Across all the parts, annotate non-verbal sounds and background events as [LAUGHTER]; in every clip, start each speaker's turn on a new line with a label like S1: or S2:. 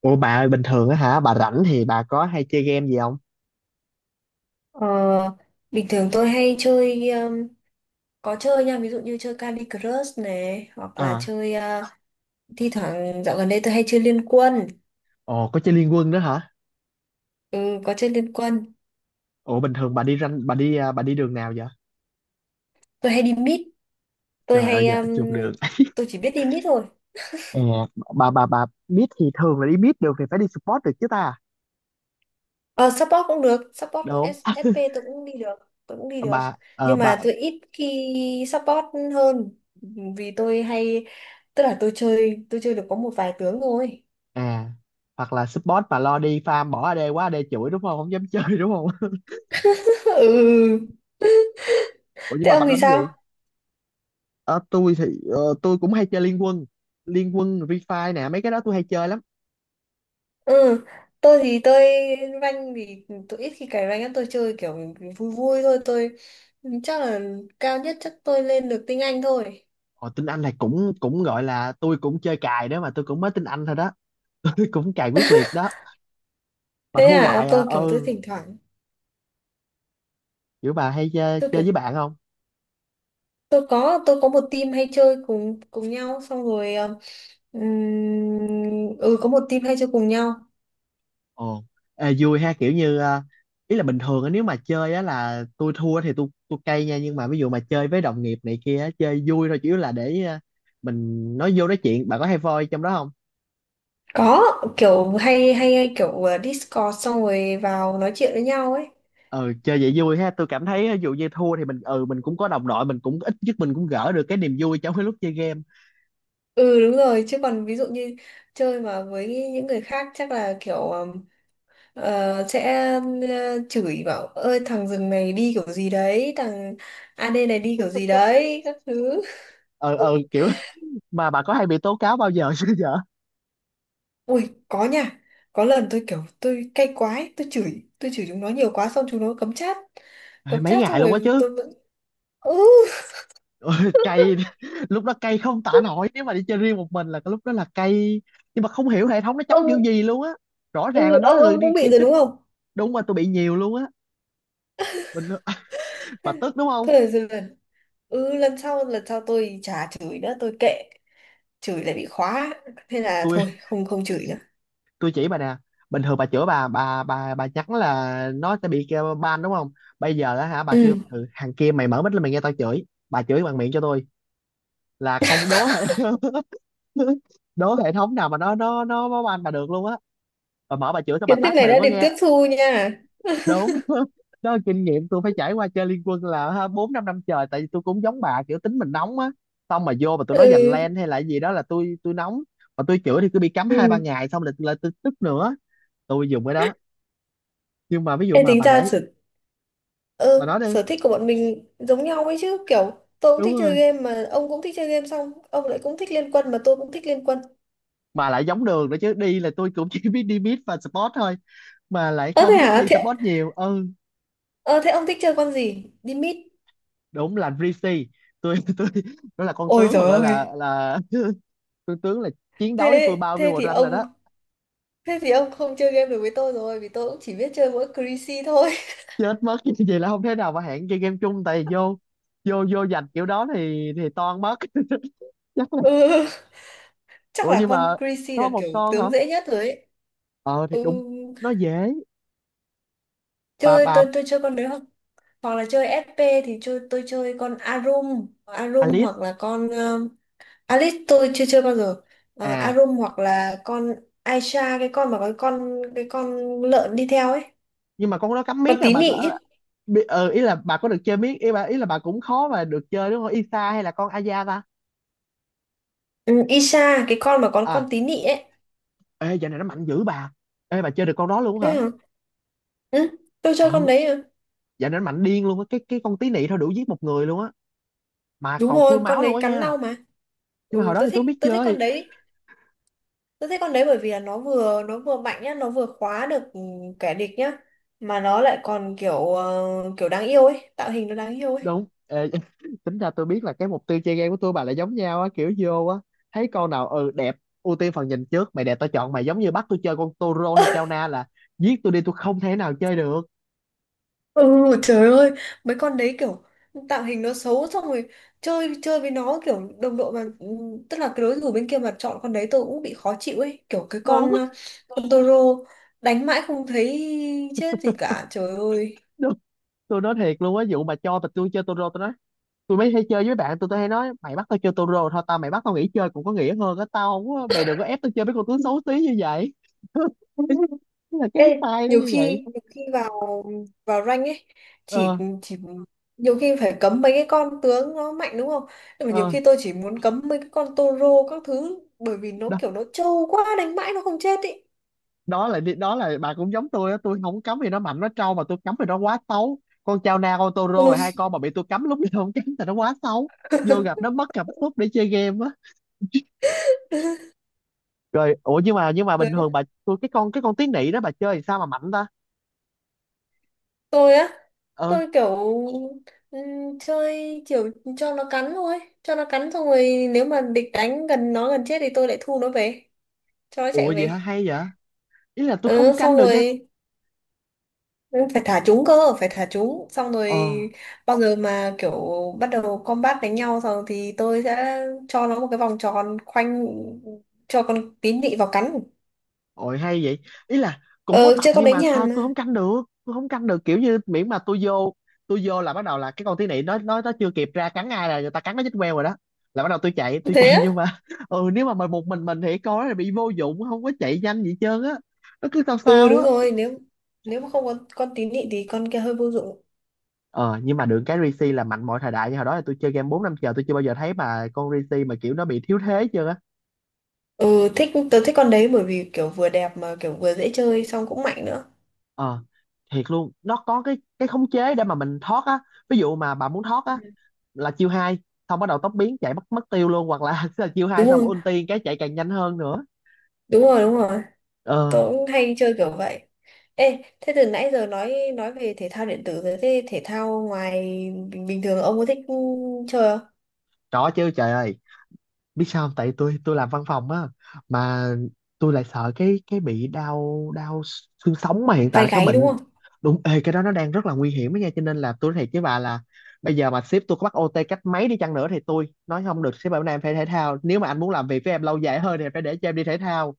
S1: Ủa bà ơi bình thường á hả bà rảnh thì bà có hay chơi game gì không?
S2: Ờ, bình thường tôi hay chơi có chơi nha, ví dụ như chơi Candy Crush này, hoặc là
S1: À,
S2: chơi thi thoảng dạo gần đây tôi hay chơi Liên Quân.
S1: ồ, có chơi Liên Quân đó hả?
S2: Ừ, có chơi Liên Quân.
S1: Ủa, bình thường bà đi ranh bà đi à, bà đi đường nào vậy?
S2: Tôi hay đi mid. Tôi
S1: Trời ơi
S2: hay
S1: dạ chung đường. [LAUGHS]
S2: tôi chỉ biết đi mid thôi.
S1: Ờ, bà biết thì thường là đi biết được thì phải đi support được chứ ta.
S2: Ờ, support cũng được, support của
S1: Đúng. [LAUGHS]
S2: SP tôi cũng đi được. tôi cũng đi được
S1: Bà ờ
S2: nhưng
S1: bà
S2: mà tôi ít khi support hơn, vì tôi hay, tức là tôi chơi, tôi chơi được có một vài tướng thôi.
S1: à hoặc là support mà lo đi farm bỏ AD quá, AD chửi đúng không? Không dám chơi đúng không? [LAUGHS]
S2: [LAUGHS] Ừ,
S1: Ủa nhưng
S2: thế
S1: mà
S2: ông
S1: bà
S2: thì
S1: đánh
S2: sao?
S1: gì? Ờ, tôi thì tôi cũng hay chơi Liên Quân. Liên Quân, Refi nè, mấy cái đó tôi hay chơi lắm.
S2: Ừ, tôi thì tôi rank thì tôi ít khi cày rank lắm, tôi chơi kiểu vui vui thôi. Tôi chắc là cao nhất chắc tôi lên được tinh Anh thôi.
S1: Ồ, tiếng Anh này cũng cũng gọi là tôi cũng chơi cài đó, mà tôi cũng mới tiếng Anh thôi đó. [LAUGHS] Tôi cũng cài quyết
S2: [LAUGHS]
S1: liệt đó, mà
S2: Thế
S1: thua
S2: à,
S1: hoài à.
S2: tôi kiểu tôi
S1: Ừ,
S2: thỉnh thoảng,
S1: kiểu bà hay chơi,
S2: tôi
S1: chơi
S2: kiểu
S1: với bạn không?
S2: tôi có một team hay chơi cùng cùng nhau, xong rồi ừ, có một team hay chơi cùng nhau.
S1: Ồ. Ê, vui ha, kiểu như ý là bình thường á, nếu mà chơi á là tôi thua thì tôi cay nha, nhưng mà ví dụ mà chơi với đồng nghiệp này kia á, chơi vui thôi, chủ yếu là để mình nói vô nói chuyện. Bạn có hay voi trong đó không?
S2: Có, kiểu hay hay, hay kiểu Discord xong rồi vào nói chuyện với nhau ấy.
S1: Ừ, chơi vậy vui ha, tôi cảm thấy ví dụ như thua thì mình, ừ, mình cũng có đồng đội, mình cũng ít nhất mình cũng gỡ được cái niềm vui trong cái lúc chơi game.
S2: Ừ đúng rồi, chứ còn ví dụ như chơi mà với những người khác chắc là kiểu sẽ chửi bảo, ơi thằng rừng này đi kiểu gì đấy, thằng AD này đi kiểu gì đấy các thứ.
S1: Ờ ừ Kiểu mà bà có hay bị tố cáo bao giờ chưa vợ?
S2: Ui có nha, có lần tôi kiểu tôi cay quá ấy, tôi chửi, chúng nó nhiều quá, xong chúng nó cấm chat.
S1: Ê,
S2: Cấm
S1: mấy
S2: chat xong
S1: ngày luôn quá
S2: rồi
S1: chứ.
S2: tôi vẫn, ừ.
S1: Ôi, cay. [LAUGHS] Lúc đó cay không tả nổi, nếu mà đi chơi riêng một mình là cái lúc đó là cay, nhưng mà không hiểu hệ thống nó chấm kiểu
S2: ông
S1: gì luôn á. Rõ
S2: ừ,
S1: ràng là nó là
S2: ông
S1: người
S2: ông
S1: đi
S2: cũng bị
S1: khiêu
S2: rồi
S1: khích.
S2: đúng không?
S1: Đúng, mà tôi bị nhiều luôn á. Bình. [LAUGHS]
S2: [LAUGHS]
S1: Bà
S2: Thôi
S1: tức đúng không?
S2: được rồi dần, ừ, lần sau, tôi chả chửi nữa, tôi kệ. Chửi lại bị khóa, thế là
S1: tôi
S2: thôi, không không chửi nữa.
S1: tôi chỉ bà nè, bình thường bà chửi bà nhắn là nó sẽ bị kêu ban đúng không? Bây giờ á hả, bà kêu
S2: Ừ,
S1: "Ừ, thằng kia, mày mở mic lên mày nghe tao chửi", bà chửi bằng miệng cho tôi là không đố hệ. [LAUGHS] Đố hệ thống nào mà nó ban bà được luôn á. Bà mở bà chửi xong bà
S2: kiến thức
S1: tắt bà
S2: này
S1: đừng
S2: đã
S1: có
S2: được tiếp
S1: nghe.
S2: thu nha.
S1: Đúng. [LAUGHS] Đó là kinh nghiệm tôi phải trải qua chơi Liên Quân là ha, bốn năm năm trời, tại vì tôi cũng giống bà kiểu tính mình nóng á, xong mà vô mà tôi nói giành len
S2: Ừ.
S1: hay là gì đó là tôi nóng, mà tôi chữa thì cứ bị cấm
S2: Ừ.
S1: hai ba ngày, xong là tôi tức nữa. Tôi dùng cái đó nhưng mà ví dụ
S2: Ê,
S1: mà
S2: tính
S1: bà
S2: ra
S1: để.
S2: sở,
S1: Bà nói đi.
S2: sở thích của bọn mình giống nhau ấy chứ, kiểu tôi cũng
S1: Đúng
S2: thích
S1: rồi,
S2: chơi game mà ông cũng thích chơi game, xong ông lại cũng thích Liên Quân mà tôi cũng thích Liên Quân.
S1: mà lại giống đường nữa chứ, đi là tôi cũng [LAUGHS] chỉ biết đi mid và sport thôi, mà lại
S2: Ơ thế
S1: không thích
S2: hả?
S1: đi sport nhiều. Ừ,
S2: Thế ông thích chơi con gì đi mid?
S1: đúng là Rishi. Tôi [LAUGHS] tôi, nó là con
S2: Ôi
S1: tướng mà
S2: giời
S1: gọi là
S2: ơi!
S1: con tướng là chiến đấu với tôi
S2: Thế
S1: bao
S2: thế
S1: nhiêu
S2: thì
S1: rank rồi
S2: ông
S1: đó.
S2: Thế thì ông không chơi game được với tôi rồi, vì tôi cũng chỉ biết chơi mỗi Chrissy thôi.
S1: Chết mất. [LAUGHS] Chứ vậy là không thể nào mà hẹn chơi game chung, tại vì vô, vô giành kiểu đó thì toan mất. [LAUGHS] Chắc là
S2: [LAUGHS] Ừ, chắc
S1: ủa
S2: là
S1: nhưng
S2: con
S1: mà
S2: Chrissy
S1: có
S2: là
S1: một
S2: kiểu
S1: con hả?
S2: tướng dễ nhất rồi ấy.
S1: Ờ thì
S2: Ừ,
S1: đúng, nó dễ.
S2: chơi,
S1: Bà
S2: tôi chơi con đấy, hoặc hoặc là chơi SP thì chơi tôi chơi con Arum Arum,
S1: Alice.
S2: hoặc là con Alice tôi chưa chơi bao giờ. À,
S1: À,
S2: Arum, hoặc là con Aisha, cái con mà có cái con lợn đi theo ấy.
S1: nhưng mà con đó cắm
S2: Con
S1: miết à,
S2: tí
S1: bà
S2: nị
S1: có,
S2: chứ.
S1: ý là bà có được chơi miết, ý bà ý là bà cũng khó mà được chơi đúng không, Isa hay là con Aya ta?
S2: Ừ, Isha, cái con mà có con
S1: À,
S2: tí nị ấy.
S1: ê, dạo này nó mạnh dữ bà. Ê, bà chơi được con đó luôn
S2: Thế
S1: hả?
S2: hả? Ừ, tôi chơi con
S1: Ừ,
S2: đấy à?
S1: dạo này nó mạnh điên luôn á, cái con tí nị thôi đủ giết một người luôn á, mà
S2: Đúng
S1: còn
S2: rồi,
S1: full
S2: con
S1: máu luôn
S2: đấy
S1: á
S2: cắn
S1: nha.
S2: đau mà.
S1: Nhưng mà
S2: Ừ,
S1: hồi đó
S2: tôi
S1: thì tôi
S2: thích
S1: không biết
S2: tôi thích con
S1: chơi.
S2: đấy. Tôi thích con đấy bởi vì là nó vừa mạnh nhá, nó vừa khóa được, kẻ địch nhá, mà nó lại còn kiểu đáng yêu ấy, tạo hình nó đáng yêu ấy.
S1: Đúng. Ê, [LAUGHS] tính ra tôi biết là cái mục tiêu chơi game của tôi bà lại giống nhau á, kiểu vô á thấy con nào, ừ, đẹp, ưu tiên phần nhìn trước, mày đẹp tao chọn mày, giống như bắt tôi chơi con Toro hay Chao Na là giết tôi đi, tôi không thể nào chơi được.
S2: Ừ, trời ơi, mấy con đấy kiểu tạo hình nó xấu, xong rồi chơi chơi với nó kiểu đồng đội, mà tức là cái đối thủ bên kia mà chọn con đấy tôi cũng bị khó chịu ấy, kiểu cái
S1: Đúng.
S2: con
S1: [LAUGHS]
S2: con Toro, đánh mãi không thấy chết gì cả, trời ơi.
S1: Đúng, tôi nói thiệt luôn á, vụ mà cho mà tôi chơi Toro tôi nói, tôi mới hay chơi với bạn tôi hay nói mày bắt tao chơi Toro thôi tao, mày bắt tao nghỉ chơi cũng có nghĩa hơn á, tao không có, mày đừng có ép tao chơi mấy con tướng xấu tí như vậy. [LAUGHS]
S2: [LAUGHS]
S1: Là cái
S2: Ê,
S1: style nó
S2: nhiều
S1: như
S2: khi
S1: vậy.
S2: nhiều khi vào vào rank ấy, chỉ
S1: Ờ.
S2: chỉ nhiều khi phải cấm mấy cái con tướng nó mạnh đúng không. Nhưng mà nhiều
S1: ờ
S2: khi tôi chỉ muốn cấm mấy cái con Toro các thứ, bởi vì nó
S1: đó,
S2: kiểu nó trâu quá, đánh mãi nó không chết ý.
S1: đó là bà cũng giống tôi á, tôi không có cấm vì nó mạnh nó trâu, mà tôi cấm vì nó quá xấu. Con Chao Na, con Toro
S2: Ừ.
S1: là hai con mà bị tôi cấm, lúc nào không cấm thì nó quá xấu, vô gặp
S2: [LAUGHS]
S1: nó mất cảm xúc để chơi game á. Rồi ủa nhưng mà
S2: Đến
S1: bình
S2: lúc
S1: thường bà, tôi cái con tiếng nị đó bà chơi thì sao mà mạnh ta?
S2: tôi á,
S1: Ờ,
S2: tôi kiểu chơi kiểu cho nó cắn thôi, cho nó cắn xong rồi nếu mà địch đánh gần nó gần chết thì tôi lại thu nó về, cho nó chạy
S1: ủa vậy hả,
S2: về.
S1: hay vậy. Ý là tôi
S2: Ừ,
S1: không
S2: xong
S1: canh được nha.
S2: rồi, ừ, phải thả chúng cơ, phải thả chúng. Xong rồi
S1: Ờ.
S2: bao giờ mà kiểu bắt đầu combat đánh nhau rồi thì tôi sẽ cho nó một cái vòng tròn khoanh cho con tín nị vào cắn.
S1: Ôi hay vậy. Ý là cũng có
S2: Ờ,
S1: tập
S2: chơi con
S1: nhưng
S2: đấy
S1: mà sao
S2: nhàn mà.
S1: tôi không canh được. Tôi không canh được, kiểu như miễn mà tôi vô là bắt đầu là cái con tí nị nó chưa kịp ra cắn ai là người ta cắn nó chết queo rồi đó. Là bắt đầu tôi
S2: Thế
S1: chạy nhưng
S2: á?
S1: mà [LAUGHS] ừ, nếu mà mời một mình thì con nó là bị vô dụng, không có chạy nhanh gì hết trơn á. Nó cứ sao
S2: Ừ
S1: sao
S2: đúng
S1: á.
S2: rồi, nếu nếu mà không có con tín nhị thì con kia hơi vô dụng.
S1: Ờ, nhưng mà được cái Risi là mạnh mọi thời đại, như hồi đó là tôi chơi game 4 năm chờ, tôi chưa bao giờ thấy mà con Risi mà kiểu nó bị thiếu thế chưa á.
S2: Ừ, thích, tớ thích con đấy bởi vì kiểu vừa đẹp mà kiểu vừa dễ chơi xong cũng mạnh nữa.
S1: Ờ, thiệt luôn, nó có cái khống chế để mà mình thoát á. Ví dụ mà bà muốn thoát á
S2: Ừ.
S1: là chiêu hai, xong bắt đầu tốc biến chạy mất mất tiêu luôn, hoặc là [LAUGHS] là chiêu
S2: Đúng
S1: hai xong
S2: rồi,
S1: ulti cái chạy càng nhanh hơn nữa.
S2: đúng rồi, đúng rồi. Tớ
S1: Ờ,
S2: cũng hay chơi kiểu vậy. Ê, thế từ nãy giờ nói về thể thao điện tử rồi, thế thể thao ngoài, bình thường ông có thích chơi không?
S1: trỏ chứ trời ơi, biết sao không? Tại tôi làm văn phòng á, mà tôi lại sợ cái bị đau đau xương sống, mà hiện tại
S2: Vai
S1: là cái
S2: gáy đúng
S1: bệnh.
S2: không?
S1: Đúng, ê, cái đó nó đang rất là nguy hiểm đó nha, cho nên là tôi nói thiệt với bà là bây giờ mà sếp tôi có bắt OT cách mấy đi chăng nữa thì tôi nói không được, sếp bảo này em phải thể thao, nếu mà anh muốn làm việc với em lâu dài hơn thì phải để cho em đi thể thao.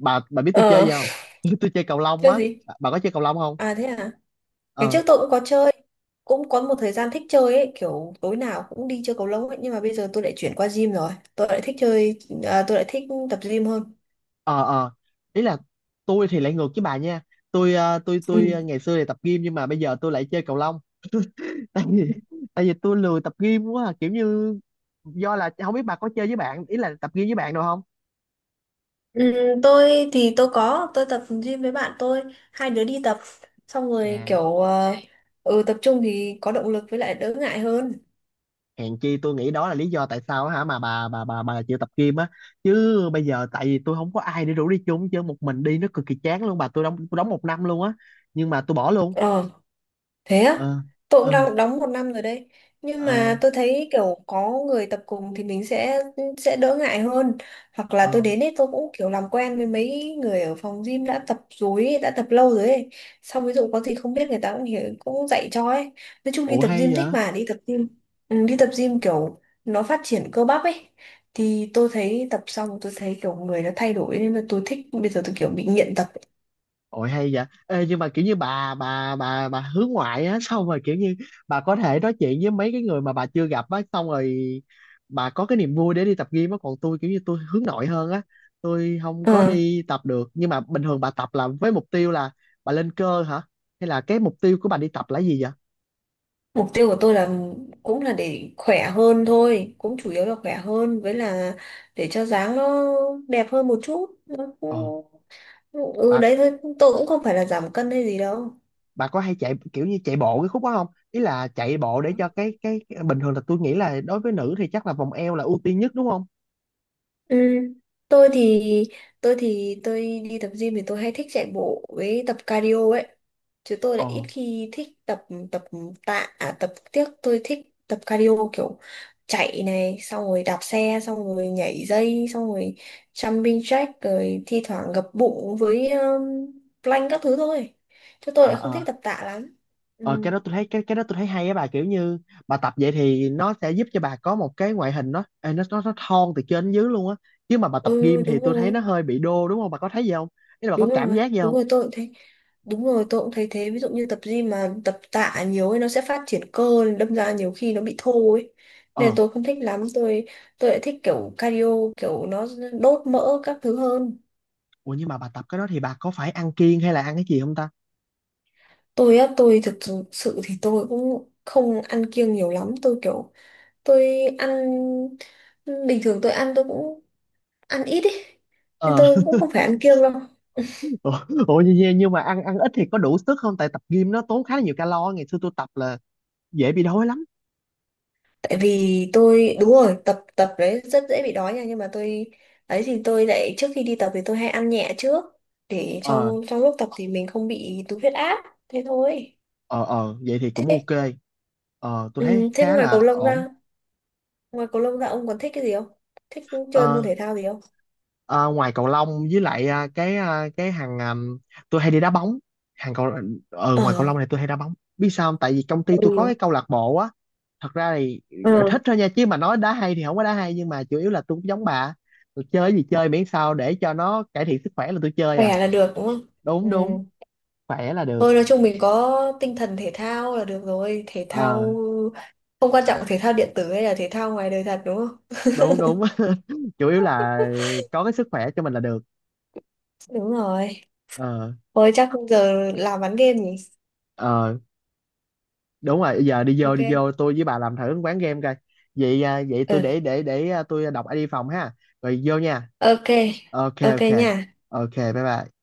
S1: Bà biết tôi chơi
S2: Ờ,
S1: gì không? [LAUGHS] Tôi chơi cầu lông
S2: chơi
S1: á.
S2: gì?
S1: Bà có chơi cầu lông không?
S2: À thế à? Ngày
S1: Ờ.
S2: trước tôi cũng có chơi. Cũng có một thời gian thích chơi ấy, kiểu tối nào cũng đi chơi cầu lông ấy, nhưng mà bây giờ tôi lại chuyển qua gym rồi. Tôi lại thích à, tôi lại thích tập gym hơn.
S1: Ờ. Ý là tôi thì lại ngược với bà nha, tôi, ngày xưa thì tập gym nhưng mà bây giờ tôi lại chơi cầu lông, tại vì tôi lười tập gym quá à, kiểu như do là không biết bà có chơi với bạn, ý là tập gym với bạn đâu không?
S2: Ừ, tôi thì tôi tập gym với bạn tôi, hai đứa đi tập xong rồi
S1: À,
S2: kiểu ừ, tập trung thì có động lực với lại đỡ ngại hơn.
S1: hèn chi tôi nghĩ đó là lý do tại sao hả mà bà chịu tập gym á, chứ bây giờ tại vì tôi không có ai để rủ đi chung, chứ một mình đi nó cực kỳ chán luôn bà, tôi đóng một năm luôn á, nhưng mà tôi bỏ luôn.
S2: Thế á,
S1: ờ
S2: tôi cũng
S1: ờ
S2: đang đóng một năm rồi đấy. Nhưng
S1: ờ
S2: mà tôi thấy kiểu có người tập cùng thì mình sẽ đỡ ngại hơn. Hoặc là
S1: ờ
S2: tôi đến ấy tôi cũng kiểu làm quen với mấy người ở phòng gym đã tập rồi ấy, đã tập lâu rồi ấy. Xong ví dụ có gì không biết người ta cũng hiểu, cũng dạy cho ấy. Nói chung đi
S1: Ủa
S2: tập
S1: hay
S2: gym thích
S1: vậy.
S2: mà đi tập gym. Ừ, đi tập gym kiểu nó phát triển cơ bắp ấy. Thì tôi thấy tập xong tôi thấy kiểu người nó thay đổi, nên là tôi thích, bây giờ tôi kiểu bị nghiện tập.
S1: Ôi hay vậy. Ê, nhưng mà kiểu như bà hướng ngoại á, xong rồi kiểu như bà có thể nói chuyện với mấy cái người mà bà chưa gặp á, xong rồi bà có cái niềm vui để đi tập gym á, còn tôi kiểu như tôi hướng nội hơn á, tôi không có
S2: Ấy.
S1: đi tập được. Nhưng mà bình thường bà tập là với mục tiêu là bà lên cơ hả, hay là cái mục tiêu của bà đi tập là gì vậy?
S2: Mục tiêu của tôi là cũng là để khỏe hơn thôi, cũng chủ yếu là khỏe hơn với là để cho dáng nó đẹp hơn một chút. Nó
S1: Ồ,
S2: cũng. Ừ
S1: bà
S2: đấy thôi, tôi cũng không phải là giảm cân hay gì đâu.
S1: bà có hay chạy kiểu như chạy bộ cái khúc đó không? Ý là chạy bộ để cho
S2: Ừ.
S1: cái bình thường là tôi nghĩ là đối với nữ thì chắc là vòng eo là ưu tiên nhất đúng không?
S2: Ừ. Tôi thì tôi đi tập gym thì tôi hay thích chạy bộ với tập cardio ấy. Chứ tôi lại ít
S1: Ồ.
S2: khi thích tập tập tạ à, tập tiếc, tôi thích tập cardio kiểu chạy này xong rồi đạp xe xong rồi nhảy dây xong rồi jumping jack rồi thi thoảng gập bụng với plank các thứ thôi, chứ tôi lại
S1: Ờ.
S2: không thích
S1: Ờ,
S2: tập tạ lắm. Ừ.
S1: Ờ, cái đó tôi thấy, cái đó tôi thấy hay á, bà kiểu như bà tập vậy thì nó sẽ giúp cho bà có một cái ngoại hình nó, ê, nó thon từ trên đến dưới luôn á, chứ mà bà tập
S2: Ừ
S1: gym thì
S2: đúng
S1: tôi thấy
S2: rồi,
S1: nó hơi bị đô đúng không, bà có thấy gì không? Ý là bà có
S2: đúng
S1: cảm
S2: rồi,
S1: giác gì
S2: đúng
S1: không?
S2: rồi, tôi cũng thấy, đúng rồi, tôi cũng thấy thế, ví dụ như tập gym mà tập tạ nhiều ấy nó sẽ phát triển cơ đâm ra nhiều khi nó bị thô ấy, nên là
S1: Ờ,
S2: tôi không thích lắm. Tôi lại thích kiểu cardio, kiểu nó đốt mỡ các thứ hơn.
S1: ủa nhưng mà bà tập cái đó thì bà có phải ăn kiêng hay là ăn cái gì không ta?
S2: Tôi á, tôi thực sự sự thì tôi cũng không ăn kiêng nhiều lắm, tôi kiểu tôi ăn, bình thường tôi ăn tôi cũng ăn ít ấy, nên
S1: Ờ.
S2: tôi cũng không phải ăn kiêng đâu.
S1: [LAUGHS] Ủa, ủa nhưng mà ăn, ít thì có đủ sức không, tại tập gym nó tốn khá là nhiều calo, ngày xưa tôi tập là dễ bị đói lắm.
S2: Tại vì tôi, đúng rồi, tập tập đấy rất dễ bị đói nha, nhưng mà tôi ấy thì tôi lại trước khi đi tập thì tôi hay ăn nhẹ trước, để
S1: ờ
S2: trong trong lúc tập thì mình không bị tụt huyết áp, thế thôi.
S1: ờ vậy thì cũng
S2: thế
S1: ok. Ờ, tôi thấy
S2: ừ, thế
S1: khá là ổn.
S2: ngoài cầu lông ra ông còn thích cái gì không, thích chơi môn
S1: Ờ.
S2: thể thao gì không?
S1: Ờ, ngoài cầu lông với lại, cái hàng à, tôi hay đi đá bóng, hàng cầu. Ờ, ngoài cầu
S2: Ờ.
S1: lông này tôi hay đá bóng, biết sao không, tại vì công ty tôi có cái
S2: Ừ.
S1: câu lạc bộ á. Thật ra thì
S2: Ừ.
S1: thích thôi nha, chứ mà nói đá hay thì không có đá hay, nhưng mà chủ yếu là tôi cũng giống bà, tôi chơi cái gì chơi miễn sao để cho nó cải thiện sức khỏe là tôi chơi à.
S2: Khỏe là được đúng không. Ừ,
S1: Đúng đúng. Khỏe là được.
S2: thôi nói chung mình có tinh thần thể thao là được rồi, thể
S1: Ờ.
S2: thao không quan trọng, thể thao điện tử hay là thể thao ngoài đời thật đúng không.
S1: Đúng đúng. [LAUGHS] Chủ yếu là có cái sức khỏe cho mình là được.
S2: Đúng rồi.
S1: Ờ.
S2: Ôi chắc không, giờ làm bán game nhỉ?
S1: ờ đúng rồi, giờ đi vô,
S2: Ok.
S1: tôi với bà làm thử quán game coi. Vậy à, vậy tôi
S2: Ừ.
S1: để, à, tôi đọc ai đi phòng ha, rồi vô nha.
S2: Ok.
S1: Ok
S2: Ok
S1: ok.
S2: nha.
S1: Ok bye bye.